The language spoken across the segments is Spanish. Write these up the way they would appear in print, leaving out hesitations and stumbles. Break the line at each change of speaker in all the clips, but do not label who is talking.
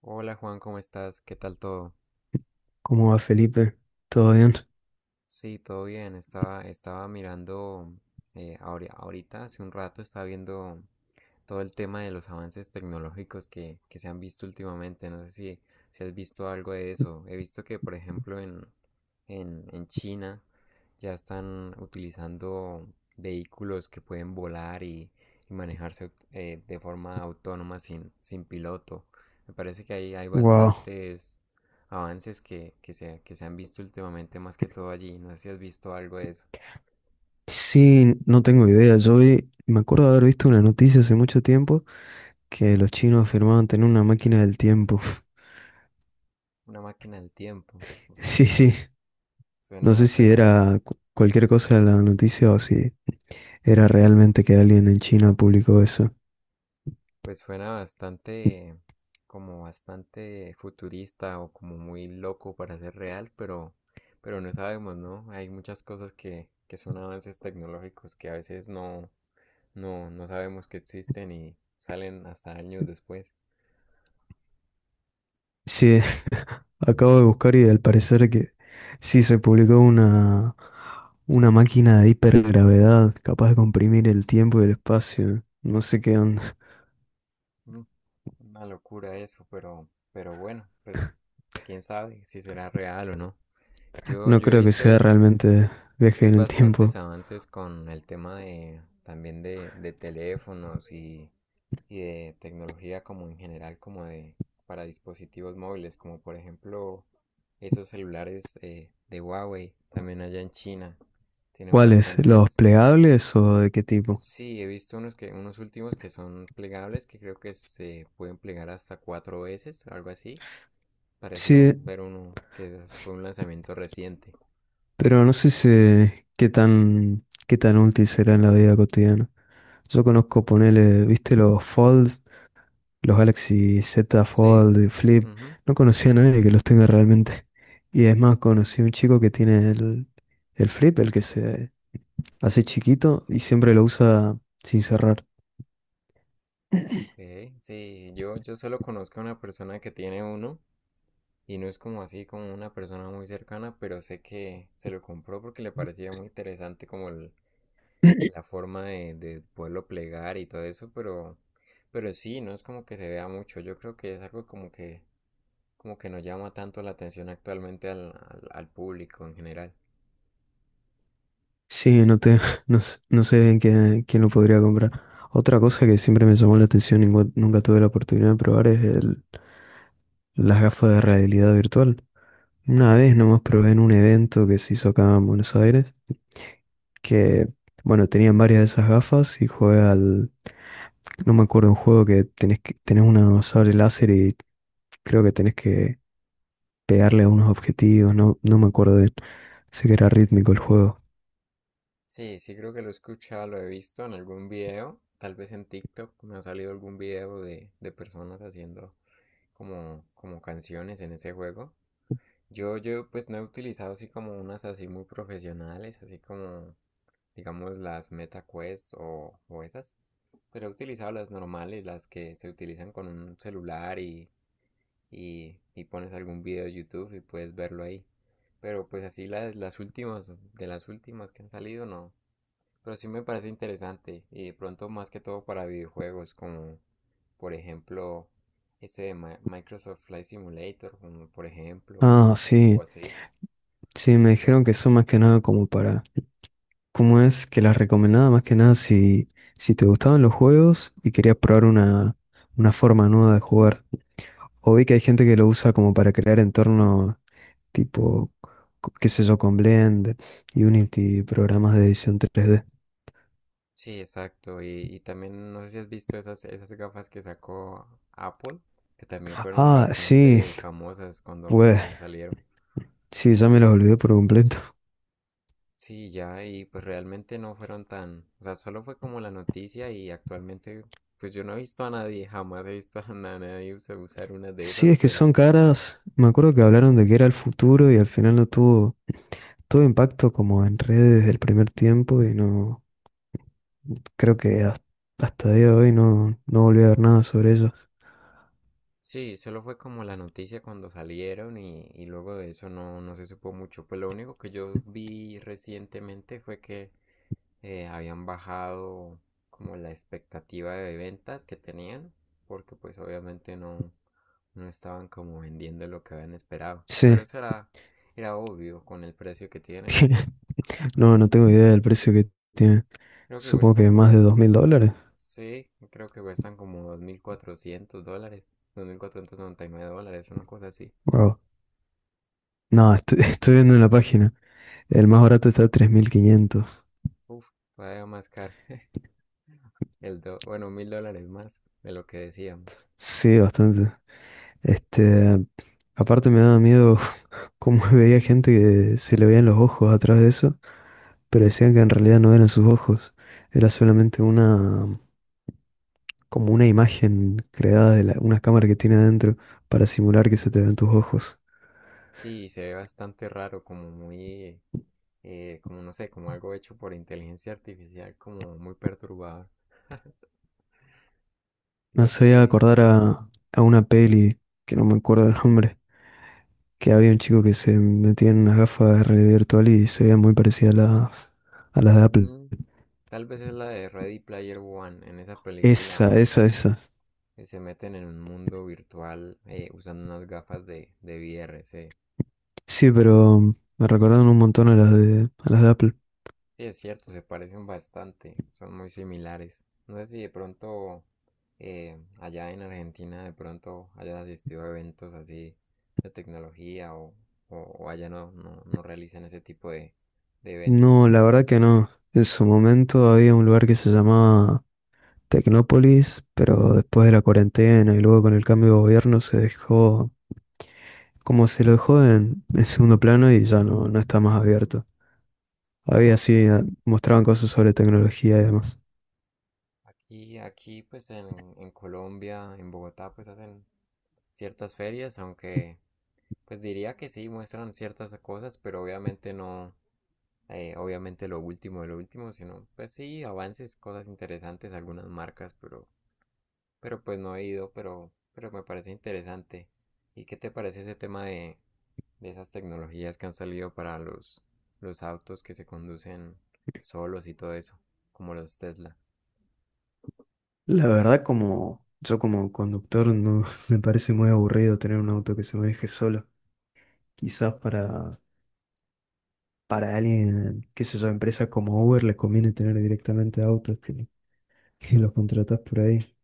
Hola Juan, ¿cómo estás? ¿Qué tal todo?
¿Cómo va, Felipe? ¿Todo bien?
Sí, todo bien. Estaba mirando, ahorita, hace un rato, estaba viendo todo el tema de los avances tecnológicos que se han visto últimamente. No sé si has visto algo de eso. He visto que, por ejemplo, en China ya están utilizando vehículos que pueden volar y manejarse de forma autónoma sin piloto. Me parece que ahí hay
Wow.
bastantes avances que se han visto últimamente más que todo allí. No sé si has visto algo de eso.
Sí, no tengo idea. Yo vi, me acuerdo de haber visto una noticia hace mucho tiempo que los chinos afirmaban tener una máquina del tiempo.
Una máquina del tiempo.
Sí, sí. No sé
Suena,
si
suena,
era cualquier cosa de la noticia o si era realmente que alguien en China publicó eso.
pues suena bastante, como bastante futurista o como muy loco para ser real, pero no sabemos, ¿no? Hay muchas cosas que son avances tecnológicos que a veces no sabemos que existen y salen hasta años después.
Sí, acabo de buscar y al parecer que sí se publicó una máquina de hipergravedad capaz de comprimir el tiempo y el espacio. No sé qué onda.
Mm. Una locura eso, pero bueno, pues quién sabe si será real o no. Yo,
No
yo he
creo que
visto
sea
es,
realmente viaje
es
en el
bastantes
tiempo.
avances con el tema de también de teléfonos y de tecnología como en general, como de para dispositivos móviles, como por ejemplo esos celulares de Huawei, también allá en China, tienen
¿Cuáles? ¿Los
bastantes.
plegables o de qué tipo?
Sí, he visto unos que, unos últimos que son plegables, que creo que se pueden plegar hasta cuatro veces, algo así. Pareció
Sí,
ver uno que fue un lanzamiento reciente.
pero no sé qué tan útil será en la vida cotidiana. Yo conozco, ponele, ¿viste los Fold? Los Galaxy Z
Sí.
Fold y Flip.
Ujú.
No conocía a nadie que los tenga realmente. Y es más, conocí a un chico que tiene el Flip, el que se hace chiquito y siempre lo usa sin cerrar.
Ok, sí, yo solo conozco a una persona que tiene uno y no es como así como una persona muy cercana, pero sé que se lo compró porque le parecía muy interesante como la forma de poderlo plegar y todo eso, pero sí, no es como que se vea mucho. Yo creo que es algo como que no llama tanto la atención actualmente al público en general.
Sí, no te, no sé bien quién, quién lo podría comprar. Otra cosa que siempre me llamó la atención y nunca nunca tuve la oportunidad de probar es las gafas de realidad virtual. Una vez nomás probé en un evento que se hizo acá en Buenos Aires, que, bueno, tenían varias de esas gafas y jugué no me acuerdo, un juego que tenés una sable láser y creo que tenés que pegarle a unos objetivos, no, no me acuerdo bien. Sé que era rítmico el juego.
Sí, sí creo que lo he escuchado, lo he visto en algún video, tal vez en TikTok me ha salido algún video de personas haciendo como canciones en ese juego. Yo pues no he utilizado así como unas así muy profesionales, así como digamos las Meta Quest o esas, pero he utilizado las normales, las que se utilizan con un celular y pones algún video de YouTube y puedes verlo ahí. Pero pues así de las últimas que han salido, no. Pero sí me parece interesante. Y de pronto más que todo para videojuegos, como por ejemplo ese de Microsoft Flight Simulator, como por ejemplo,
Ah,
o,
sí,
o así.
sí, me dijeron que son más que nada como para… ¿Cómo es que las recomendaba más que nada si, si te gustaban los juegos y querías probar una forma nueva de jugar? O vi que hay gente que lo usa como para crear entornos tipo, qué sé yo, con Blender, Unity, programas de edición 3D.
Sí, exacto. Y también no sé si has visto esas gafas que sacó Apple, que también fueron
Ah, sí,
bastante famosas cuando,
pues
cuando salieron.
sí, ya me los olvidé por completo.
Sí, ya, y pues realmente no fueron tan, o sea, solo fue como la noticia y actualmente, pues yo no he visto a nadie, jamás he visto a nadie usar una de
Sí,
esas,
es que
pero
son caras. Me acuerdo que hablaron de que era el futuro y al final no tuvo todo impacto como en redes del primer tiempo y no. Creo que hasta día de hoy no, no volví a ver nada sobre ellos.
sí, solo fue como la noticia cuando salieron y luego de eso no se supo mucho. Pues lo único que yo vi recientemente fue que habían bajado como la expectativa de ventas que tenían, porque pues obviamente no estaban como vendiendo lo que habían esperado.
Sí,
Pero eso era obvio con el precio que tienen.
no, no tengo idea del precio que tiene.
Creo que
Supongo
cuestan
que más de
como,
$2,000.
sí, creo que cuestan como $2,400, $2,499, una cosa así.
Wow. No, estoy, estoy viendo en la página. El más barato está a 3,500.
Uf, todavía más caro. Bueno, $1,000 más de lo que decíamos.
Sí, bastante. Este, aparte me daba miedo cómo veía gente que se le veían los ojos atrás de eso, pero decían que en realidad no eran sus ojos. Era solamente una, como una imagen creada de una cámara que tiene adentro para simular que se te ven tus ojos.
Sí, se ve bastante raro, como muy, como no sé, como algo hecho por inteligencia artificial, como muy perturbador. No
Me
sé,
hacía
sí,
acordar a una peli, que no me acuerdo el nombre, que había un chico que se metía en unas gafas de realidad virtual y se veía muy parecida a las de Apple.
mm, tal vez es la de Ready Player One. En esa película
Esa, esa, esa.
se meten en un mundo virtual usando unas gafas de VR. Sí,
Sí, pero me recordaron un montón a las de Apple.
Sí, es cierto, se parecen bastante, son muy similares. No sé si de pronto allá en Argentina de pronto hayas asistido a eventos así de tecnología o allá no realizan ese tipo de
No,
eventos.
la verdad que no. En su momento había un lugar que se llamaba Tecnópolis, pero después de la cuarentena y luego con el cambio de gobierno se dejó. Como se lo dejó en segundo plano y ya no, no está más
Ujú.
abierto. Había
Oh, ya
sí,
veo.
mostraban cosas sobre tecnología y demás.
Aquí pues en Colombia, en Bogotá pues hacen ciertas ferias, aunque pues diría que sí muestran ciertas cosas, pero obviamente no. Obviamente lo último de lo último, sino pues sí, avances, cosas interesantes, algunas marcas, pero pues no he ido, pero me parece interesante. ¿Y qué te parece ese tema de esas tecnologías que han salido para los autos que se conducen solos y todo eso, como los Tesla?
La verdad, como yo como conductor, no me parece muy aburrido tener un auto que se maneje solo. Quizás para alguien, qué sé yo, empresas como Uber les conviene tener directamente autos que los contratás por ahí,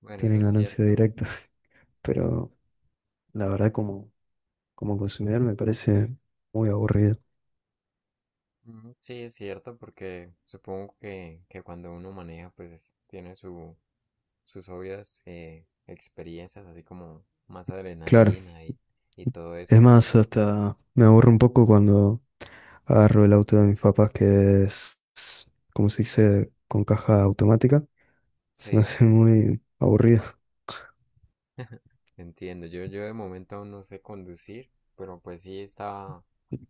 Bueno, eso
tienen
es
ganancia
cierto.
directa. Pero la verdad, como, como consumidor, me parece muy aburrido.
Mm, sí, es cierto, porque supongo que cuando uno maneja, pues tiene sus obvias experiencias, así como más
Claro.
adrenalina y todo
Es
eso.
más, hasta me aburro un poco cuando agarro el auto de mis papás, que es, como se dice, con caja automática. Se me
Sí,
hace muy aburrido.
entiendo. Yo de momento aún no sé conducir, pero pues sí estaba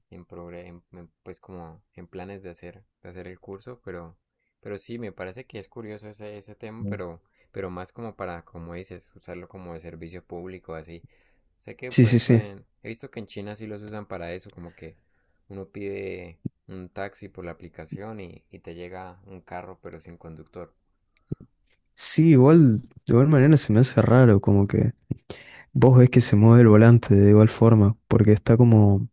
en, progre- en, pues como en planes de hacer el curso, pero sí, me parece que es curioso ese tema,
Mm.
pero más como para, como dices, usarlo como de servicio público, así. Sé que,
Sí,
por
sí,
ejemplo,
sí.
he visto que en China sí los usan para eso, como que uno pide un taxi por la aplicación y te llega un carro pero sin conductor.
Sí, igual, de igual manera se me hace raro, como que vos ves que se mueve el volante de igual forma, porque está como,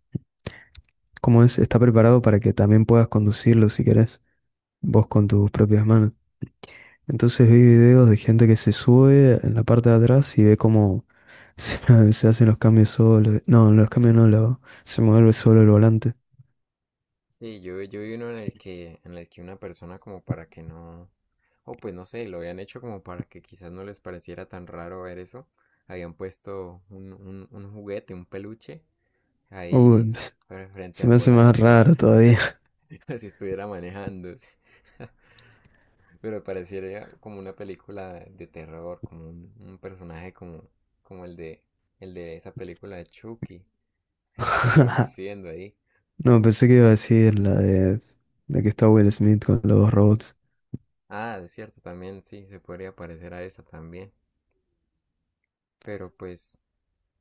como es, está preparado para que también puedas conducirlo si querés, vos con tus propias manos. Entonces vi videos de gente que se sube en la parte de atrás y ve cómo se, se hacen los cambios solo. No, los cambios no, lo, se mueve solo el volante.
Sí, yo vi uno en el que una persona como para que no, o pues no sé, lo habían hecho como para que quizás no les pareciera tan raro ver eso. Habían puesto un juguete, un peluche,
Uy,
ahí
ps,
frente
se
al
me hace más
volante, como
raro todavía.
como si estuviera manejando. Sí. Pero pareciera como una película de terror, como un personaje como el de esa película de Chucky, conduciendo ahí.
No, pensé que iba a decir la de, la que está Will Smith con los dos robots.
Ah, es cierto, también sí, se podría parecer a esa también. Pero pues,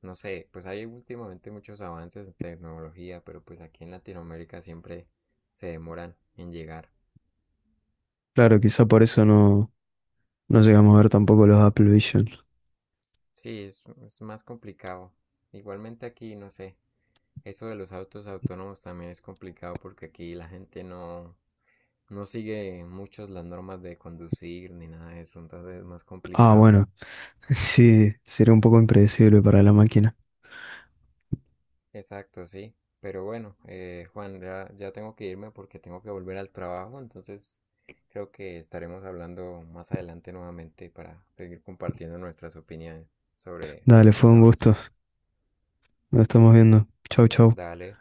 no sé, pues hay últimamente muchos avances en tecnología, pero pues aquí en Latinoamérica siempre se demoran en llegar.
Claro, quizá por eso no, no llegamos a ver tampoco los Apple Vision.
Sí, es más complicado. Igualmente aquí, no sé, eso de los autos autónomos también es complicado porque aquí la gente no sigue muchos las normas de conducir ni nada de eso, entonces es más
Ah,
complicado.
bueno, sí, sería un poco impredecible para la máquina.
Exacto, sí. Pero bueno, Juan, ya tengo que irme porque tengo que volver al trabajo, entonces creo que estaremos hablando más adelante nuevamente para seguir compartiendo nuestras opiniones sobre
Dale,
esos
fue un gusto.
avances.
Nos estamos viendo. Chau, chau.
Dale.